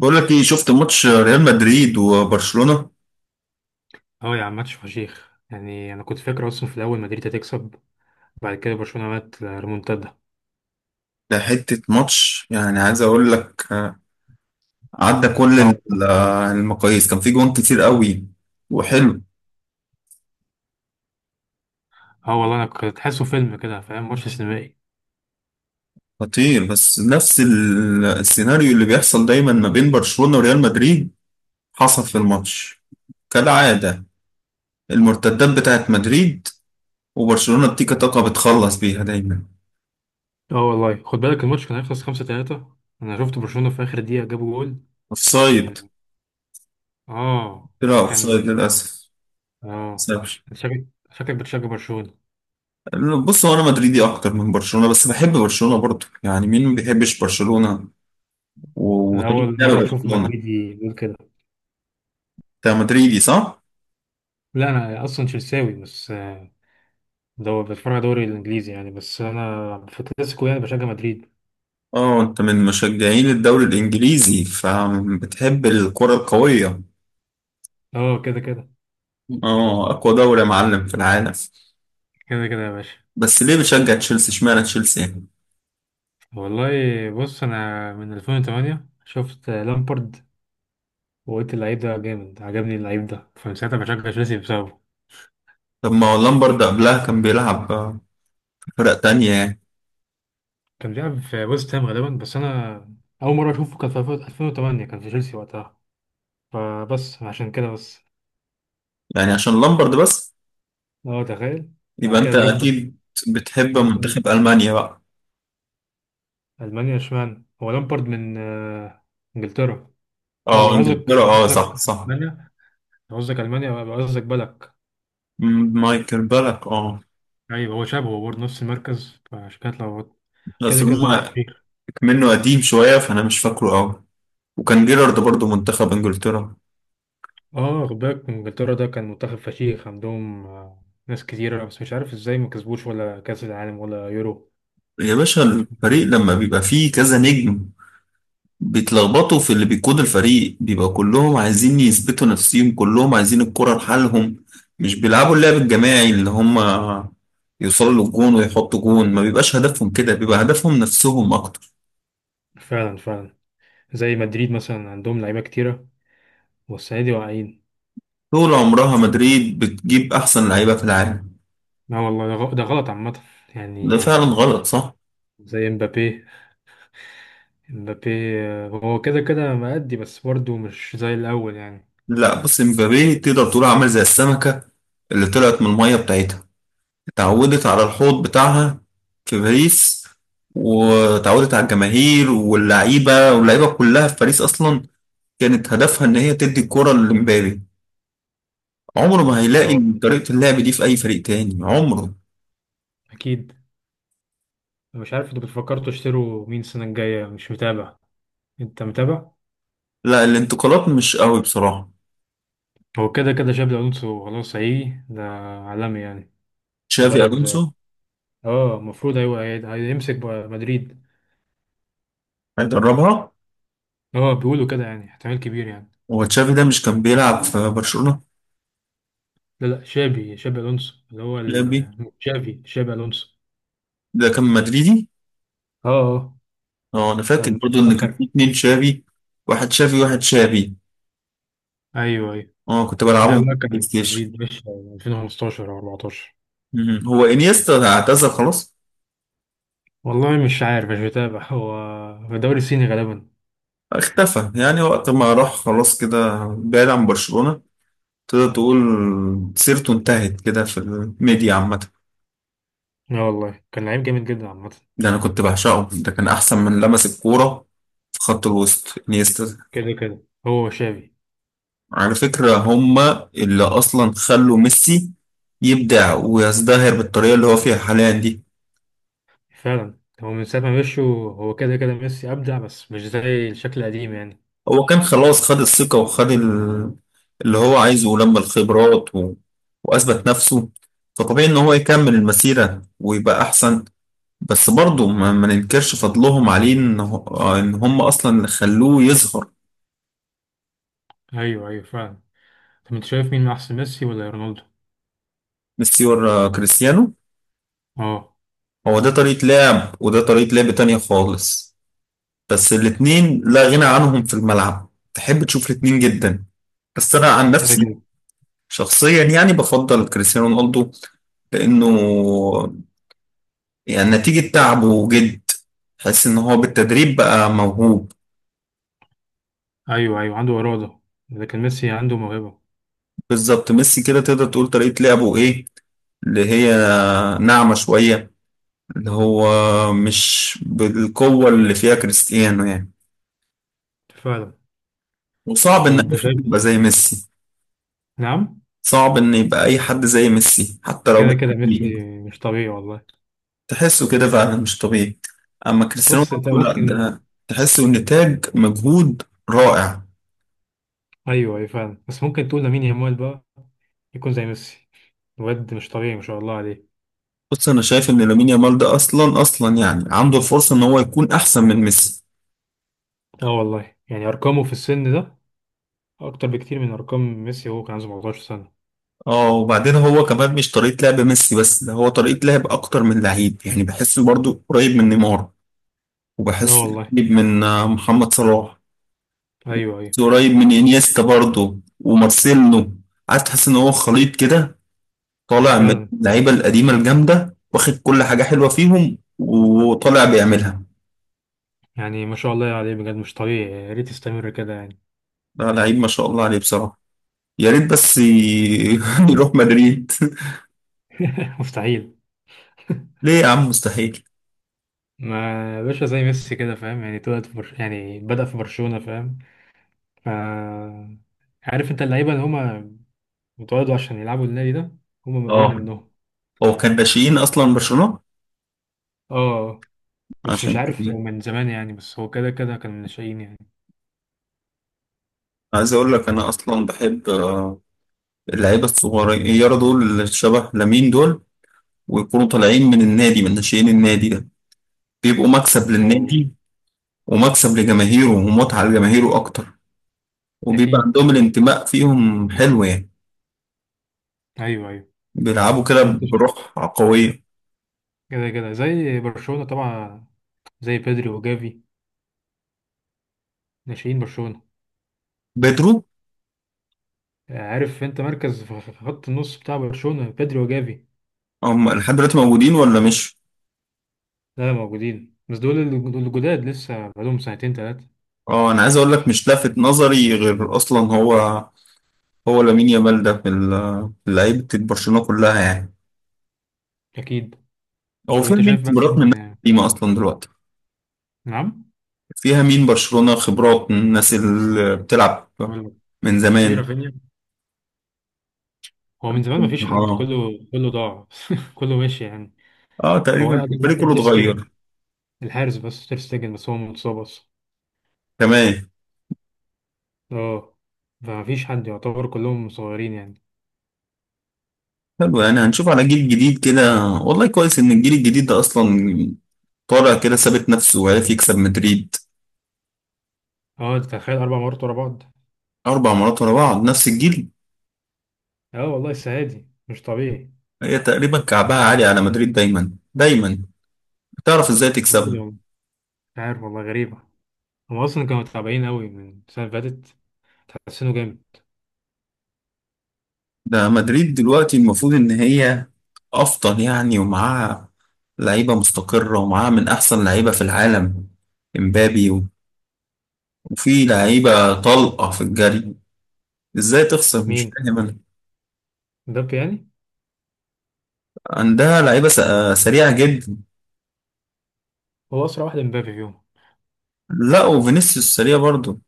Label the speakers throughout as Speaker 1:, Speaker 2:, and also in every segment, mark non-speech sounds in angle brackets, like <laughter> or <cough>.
Speaker 1: بقول لك ايه، شفت ماتش ريال مدريد وبرشلونة؟
Speaker 2: اه يا عم، ماتش فشيخ. يعني انا كنت فاكر اصلا في الاول مدريد هتكسب. بعد كده برشلونه عملت ريمونتادا.
Speaker 1: ده حتة ماتش، يعني عايز اقول لك، عدى كل
Speaker 2: اه.
Speaker 1: المقاييس، كان في جوان كتير قوي وحلو.
Speaker 2: اه والله انا كنت تحسه فيلم كده، فاهم؟ ماتش سينمائي.
Speaker 1: خطير. بس نفس السيناريو اللي بيحصل دايما ما بين برشلونة وريال مدريد حصل في الماتش، كالعادة. المرتدات بتاعت مدريد، وبرشلونة بتيكا تاكا بتخلص بيها دايما.
Speaker 2: اه والله خد بالك الماتش كان هيخلص 5-3. انا شفت برشلونه في اخر دقيقه جابوا جول
Speaker 1: اوفسايد.
Speaker 2: من... اه بس
Speaker 1: طلع
Speaker 2: كان...
Speaker 1: اوفسايد للأسف.
Speaker 2: اه. شكلك بتشجع برشلونه؟
Speaker 1: بص، هو انا مدريدي اكتر من برشلونه، بس بحب برشلونه برضه. يعني مين ما بيحبش برشلونه و-
Speaker 2: انا
Speaker 1: وطريقه
Speaker 2: اول
Speaker 1: لعب
Speaker 2: مره اشوف
Speaker 1: برشلونه.
Speaker 2: مدريدي يقول كده.
Speaker 1: انت مدريدي، صح؟
Speaker 2: لا، انا اصلا تشيلساوي، بس دو بتفرج على الدوري الانجليزي يعني، بس انا في الكلاسيكو يعني بشجع مدريد.
Speaker 1: اه، انت من مشجعين الدوري الانجليزي فبتحب الكره القويه.
Speaker 2: اه، كده كده.
Speaker 1: اه، اقوى دوري يا معلم في العالم.
Speaker 2: كده كده يا باشا.
Speaker 1: بس ليه بتشجع تشيلسي؟ اشمعنى تشيلسي يعني؟
Speaker 2: والله بص، انا من 2008 شفت لامبارد وقلت اللعيب ده جامد، عجبني اللعيب ده، فمن ساعتها بشجع تشيلسي بسببه.
Speaker 1: طب ما هو لامبرد قبلها كان بيلعب في فرق تانية يعني.
Speaker 2: كان بيلعب في ويست هام غالبا، بس انا اول مره اشوفه كان في 2008 كان في تشيلسي وقتها، فبس عشان كده بس.
Speaker 1: يعني عشان لامبرد بس؟
Speaker 2: اه تخيل.
Speaker 1: يبقى
Speaker 2: بعد كده
Speaker 1: انت
Speaker 2: دروجبا
Speaker 1: اكيد بتحب
Speaker 2: وكل...
Speaker 1: منتخب المانيا بقى.
Speaker 2: المانيا؟ اشمعنى؟ هو لامبارد من انجلترا. لا،
Speaker 1: اه،
Speaker 2: لو قصدك
Speaker 1: انجلترا، اه، صح صح.
Speaker 2: المانيا، لو قصدك المانيا يبقى قصدك بالك.
Speaker 1: مايكل بالك، اه.
Speaker 2: ايوه هو شبهه برضه نفس المركز فعشان كده اتلخبطت.
Speaker 1: بس
Speaker 2: كده كده.
Speaker 1: هما منه قديم شوية فأنا مش فاكره أوي. وكان جيرارد برضه منتخب إنجلترا.
Speaker 2: اه خد بالك انجلترا ده كان منتخب فشيخ عندهم ناس كتيرة، بس مش عارف ازاي ما كسبوش ولا كأس العالم ولا يورو.
Speaker 1: يا باشا،
Speaker 2: مش...
Speaker 1: الفريق لما بيبقى فيه كذا نجم بيتلخبطوا في اللي بيقود الفريق. بيبقى كلهم عايزين يثبتوا نفسهم، كلهم عايزين الكرة لحالهم. مش بيلعبوا اللعب الجماعي، اللي هما يوصلوا للجون ويحطوا جون ما بيبقاش هدفهم. كده بيبقى هدفهم نفسهم أكتر.
Speaker 2: فعلا فعلا. زي مدريد مثلا عندهم لعيبة كتيرة، والسنة دي واقعين.
Speaker 1: طول عمرها مدريد بتجيب أحسن لعيبة في العالم.
Speaker 2: لا والله ده ده غلط عامة،
Speaker 1: ده
Speaker 2: يعني.
Speaker 1: فعلا غلط، صح؟
Speaker 2: زي مبابي. مبابي هو كده كده مأدي، بس برضه مش زي الأول يعني.
Speaker 1: لا بص، مبابي تقدر تقول عامل زي السمكة اللي طلعت من المية بتاعتها، اتعودت على الحوض بتاعها في باريس، واتعودت على الجماهير واللعيبة، واللعيبة كلها في باريس أصلا كانت هدفها إن هي تدي الكرة لمبابي. عمره ما هيلاقي
Speaker 2: اه
Speaker 1: طريقة اللعب دي في أي فريق تاني عمره.
Speaker 2: أكيد. مش عارف انتوا بتفكروا تشتروا مين السنة الجاية، مش متابع. انت متابع؟
Speaker 1: لا، الانتقالات مش قوي بصراحة.
Speaker 2: هو كده كده شابي ألونسو خلاص هيجي ده، عالمي يعني.
Speaker 1: تشافي
Speaker 2: مدرب زي...
Speaker 1: ألونسو.
Speaker 2: اه، المفروض ايوه، هيمسك بقى مدريد.
Speaker 1: هيدربها.
Speaker 2: اه بيقولوا كده يعني، احتمال كبير يعني.
Speaker 1: هو تشافي ده مش كان بيلعب في برشلونة؟
Speaker 2: لا لا، شابي الونسو اللي هو
Speaker 1: تشافي
Speaker 2: شافي الونسو.
Speaker 1: ده كان مدريدي.
Speaker 2: اه. اه
Speaker 1: اه، انا فاكر
Speaker 2: كان...
Speaker 1: برضو ان كان
Speaker 2: اخر...
Speaker 1: في اتنين شافي. واحد شافي وواحد شافي.
Speaker 2: ايوه ايوه.
Speaker 1: اه، كنت
Speaker 2: ده
Speaker 1: بلعبهم في
Speaker 2: بقى
Speaker 1: البلاي
Speaker 2: كان
Speaker 1: ستيشن.
Speaker 2: مدريد، مش 2015 او 14؟
Speaker 1: هو انيستا اعتزل خلاص؟
Speaker 2: والله مش عارف، مش بتابع. هو في الدوري الصيني غالبا.
Speaker 1: اختفى يعني، وقت ما راح خلاص كده بعيد عن برشلونة، تقدر تقول سيرته انتهت كده في الميديا عامة.
Speaker 2: اه والله كان لعيب جامد جدا عامة.
Speaker 1: ده انا كنت بعشقه، ده كان احسن من لمس الكورة في خط الوسط، انيستا.
Speaker 2: كده كده هو شافي.
Speaker 1: على فكرة، هما اللي اصلا خلوا ميسي يبدع ويزدهر بالطريقة اللي هو فيها حاليا دي.
Speaker 2: فعلا. هو من ساعة ما مشوا هو كده كده ميسي أبدع، بس مش زي الشكل القديم يعني.
Speaker 1: هو كان خلاص خد الثقة وخد اللي هو عايزه، ولما الخبرات وأثبت نفسه. فطبيعي إن هو يكمل المسيرة ويبقى أحسن. بس برضه ما ننكرش فضلهم عليه، إن هم أصلا اللي خلوه يظهر.
Speaker 2: أيوه أيوه فعلا. طب انت شايف مين احسن، ميسي ولا رونالدو؟
Speaker 1: ميسي ورا كريستيانو.
Speaker 2: اه.
Speaker 1: هو ده طريقة لعب، وده طريقة لعب تانية خالص. بس الاتنين لا غنى عنهم في الملعب، تحب تشوف الاتنين جدا. بس أنا عن
Speaker 2: كده
Speaker 1: نفسي
Speaker 2: كده.
Speaker 1: شخصيا يعني بفضل كريستيانو رونالدو. لأنه يعني نتيجة تعب وجد، تحس ان هو بالتدريب بقى موهوب.
Speaker 2: ايوه ايوه عنده اراده، لكن ميسي عنده موهبه.
Speaker 1: بالظبط. ميسي كده تقدر تقول طريقة لعبه ايه، اللي هي ناعمة شوية، اللي هو مش بالقوة اللي فيها كريستيانو يعني.
Speaker 2: فعلا.
Speaker 1: وصعب ان
Speaker 2: طب
Speaker 1: اي حد يبقى
Speaker 2: شايف...
Speaker 1: زي ميسي.
Speaker 2: نعم.
Speaker 1: صعب ان يبقى اي حد زي ميسي حتى لو
Speaker 2: كده كده
Speaker 1: بالتدريب.
Speaker 2: ميسي مش طبيعي والله.
Speaker 1: تحسه كده فعلا مش طبيعي. اما كريستيانو
Speaker 2: بص انت
Speaker 1: رونالدو لا،
Speaker 2: ممكن...
Speaker 1: ده تحسه نتاج مجهود رائع.
Speaker 2: ايوه ايوه فعلا، بس ممكن تقول لامين يامال بقى يكون زي ميسي. واد مش طبيعي ما شاء الله عليه.
Speaker 1: بص، انا شايف ان لامين يامال ده اصلا اصلا يعني عنده الفرصه ان هو يكون احسن من ميسي.
Speaker 2: اه والله، يعني ارقامه في السن ده اكتر بكتير من ارقام ميسي وهو كان عنده 17 سنه.
Speaker 1: اه، وبعدين هو كمان مش طريقه لعب ميسي بس، ده هو طريقه لعب اكتر من لعيب، يعني بحسه برضو قريب من نيمار.
Speaker 2: اه
Speaker 1: وبحس
Speaker 2: والله.
Speaker 1: قريب من محمد صلاح.
Speaker 2: ايوه ايوه
Speaker 1: قريب من انيستا برضو ومارسيلو. عايز تحس ان هو خليط كده، طالع من
Speaker 2: فعلا.
Speaker 1: اللعيبه القديمه الجامده واخد كل حاجه حلوه فيهم وطالع بيعملها.
Speaker 2: يعني ما شاء الله عليه بجد، مش طبيعي، يا ريت يستمر كده يعني.
Speaker 1: ده لعيب ما شاء الله عليه بصراحه. يا ريت بس <laughs> يروح مدريد.
Speaker 2: <laughs> مستحيل.
Speaker 1: ليه يا عم مستحيل؟
Speaker 2: ما باشا زي ميسي كده، فاهم يعني؟ طلع في برش... يعني بدأ في برشلونة، فاهم؟ ف... عارف انت اللعيبة اللي هما اتولدوا عشان يلعبوا النادي ده؟ هما هو
Speaker 1: اه،
Speaker 2: منهم.
Speaker 1: هو كان ناشئين اصلا برشلونة.
Speaker 2: اه بس مش
Speaker 1: عشان
Speaker 2: عارف لو
Speaker 1: كده
Speaker 2: من زمان يعني، بس هو كده كده كان من الناشئين يعني.
Speaker 1: عايز اقول لك، انا اصلا بحب اللعيبه الصغيره دول اللي شبه لامين دول. ويكونوا طالعين من النادي، من ناشئين النادي ده، بيبقوا مكسب
Speaker 2: اه والله.
Speaker 1: للنادي. ومكسب لجماهيره ومتعه لجماهيره اكتر. وبيبقى
Speaker 2: اكيد.
Speaker 1: عندهم الانتماء، فيهم حلو يعني.
Speaker 2: ايوه ايوه.
Speaker 1: بيلعبوا كده
Speaker 2: طب انت شايف...
Speaker 1: بروح قويه.
Speaker 2: كده كده زي برشلونة طبعا، زي بيدري وجافي، ناشئين برشلونة.
Speaker 1: بيدرو.
Speaker 2: عارف انت مركز في خط النص بتاع برشلونة بيدري وجافي؟
Speaker 1: هم لحد دلوقتي موجودين ولا مش؟
Speaker 2: لا موجودين، بس دول الجداد لسه بقالهم سنتين تلاتة.
Speaker 1: اه، انا عايز اقول لك، مش لافت نظري غير اصلا هو لامين يامال ده في في لعيبة برشلونة كلها يعني.
Speaker 2: أكيد.
Speaker 1: هو
Speaker 2: طب
Speaker 1: فيها
Speaker 2: انت
Speaker 1: مين
Speaker 2: شايف بقى
Speaker 1: خبرات من
Speaker 2: مين...
Speaker 1: الناس القديمة أصلا دلوقتي؟
Speaker 2: نعم.
Speaker 1: فيها مين برشلونة خبرات من الناس اللي بتلعب
Speaker 2: بقول لك،
Speaker 1: من
Speaker 2: في
Speaker 1: زمان؟
Speaker 2: رافينيا. هو من زمان مفيش حد،
Speaker 1: اه،
Speaker 2: كله كله ضاع <laughs> كله ماشي يعني.
Speaker 1: اه،
Speaker 2: هو
Speaker 1: تقريبا
Speaker 2: اقدم
Speaker 1: الفريق
Speaker 2: واحد
Speaker 1: كله
Speaker 2: تير
Speaker 1: اتغير.
Speaker 2: شتيجن الحارس، بس تير شتيجن بس هو متصاب اصلا.
Speaker 1: تمام.
Speaker 2: اه. فمفيش حد، يعتبر كلهم صغيرين يعني.
Speaker 1: حلو، يعني هنشوف على جيل جديد كده. والله كويس إن الجيل الجديد ده أصلا طالع كده ثابت نفسه، وعرف يكسب مدريد.
Speaker 2: اه انت تخيل 4 مرات ورا بعض.
Speaker 1: أربع مرات ورا بعض، نفس الجيل.
Speaker 2: اه والله السنه دي مش طبيعي.
Speaker 1: هي تقريبا كعبها عالي على مدريد دايما دايما، بتعرف إزاي
Speaker 2: برضه
Speaker 1: تكسبها.
Speaker 2: والله مش عارف، والله غريبه. هم اصلا كانوا تعبانين قوي من السنه اللي فاتت، تحسنوا جامد.
Speaker 1: ده مدريد دلوقتي المفروض إن هي أفضل يعني، ومعاها لعيبة مستقرة، ومعاها من أحسن لعيبة في العالم. إمبابي و- وفي لعيبة طلقة في الجري. إزاي تخسر؟ مش
Speaker 2: مين؟
Speaker 1: فاهم أنا.
Speaker 2: مبابي يعني؟
Speaker 1: عندها لعيبة سريعة جدا.
Speaker 2: هو اسرع واحد مبابي فيهم.
Speaker 1: لا، وفينيسيوس سريع برضه.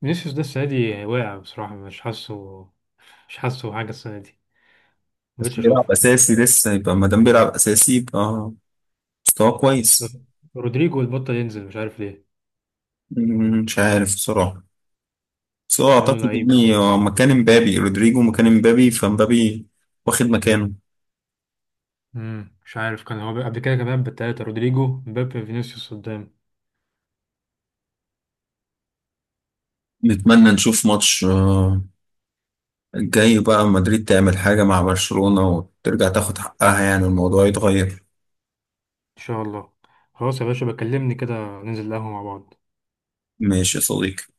Speaker 2: فينيسيوس ده السنة دي واقع بصراحة، مش حاسه، حاجة السنة دي،
Speaker 1: بس
Speaker 2: مبقتش
Speaker 1: بيلعب
Speaker 2: أشوفه.
Speaker 1: أساسي لسه، يبقى ما دام بيلعب أساسي يبقى مستواه كويس.
Speaker 2: رودريجو البطل ينزل، مش عارف ليه.
Speaker 1: مش عارف بصراحة. بس هو
Speaker 2: مع إنه
Speaker 1: أعتقد
Speaker 2: لعيب يعني.
Speaker 1: إن هو مكان إمبابي، رودريجو مكان إمبابي فإمبابي واخد مكانه.
Speaker 2: مم، مش عارف، كان هو قبل كده كمان بالتلاتة رودريجو مبابي فينيسيوس قدام.
Speaker 1: نتمنى نشوف ماتش الجاي بقى مدريد تعمل حاجة مع برشلونة وترجع تاخد حقها، يعني الموضوع يتغير.
Speaker 2: إن شاء الله. خلاص يا باشا، بكلمني كده، ننزل القهوة مع بعض.
Speaker 1: ماشي يا صديقي.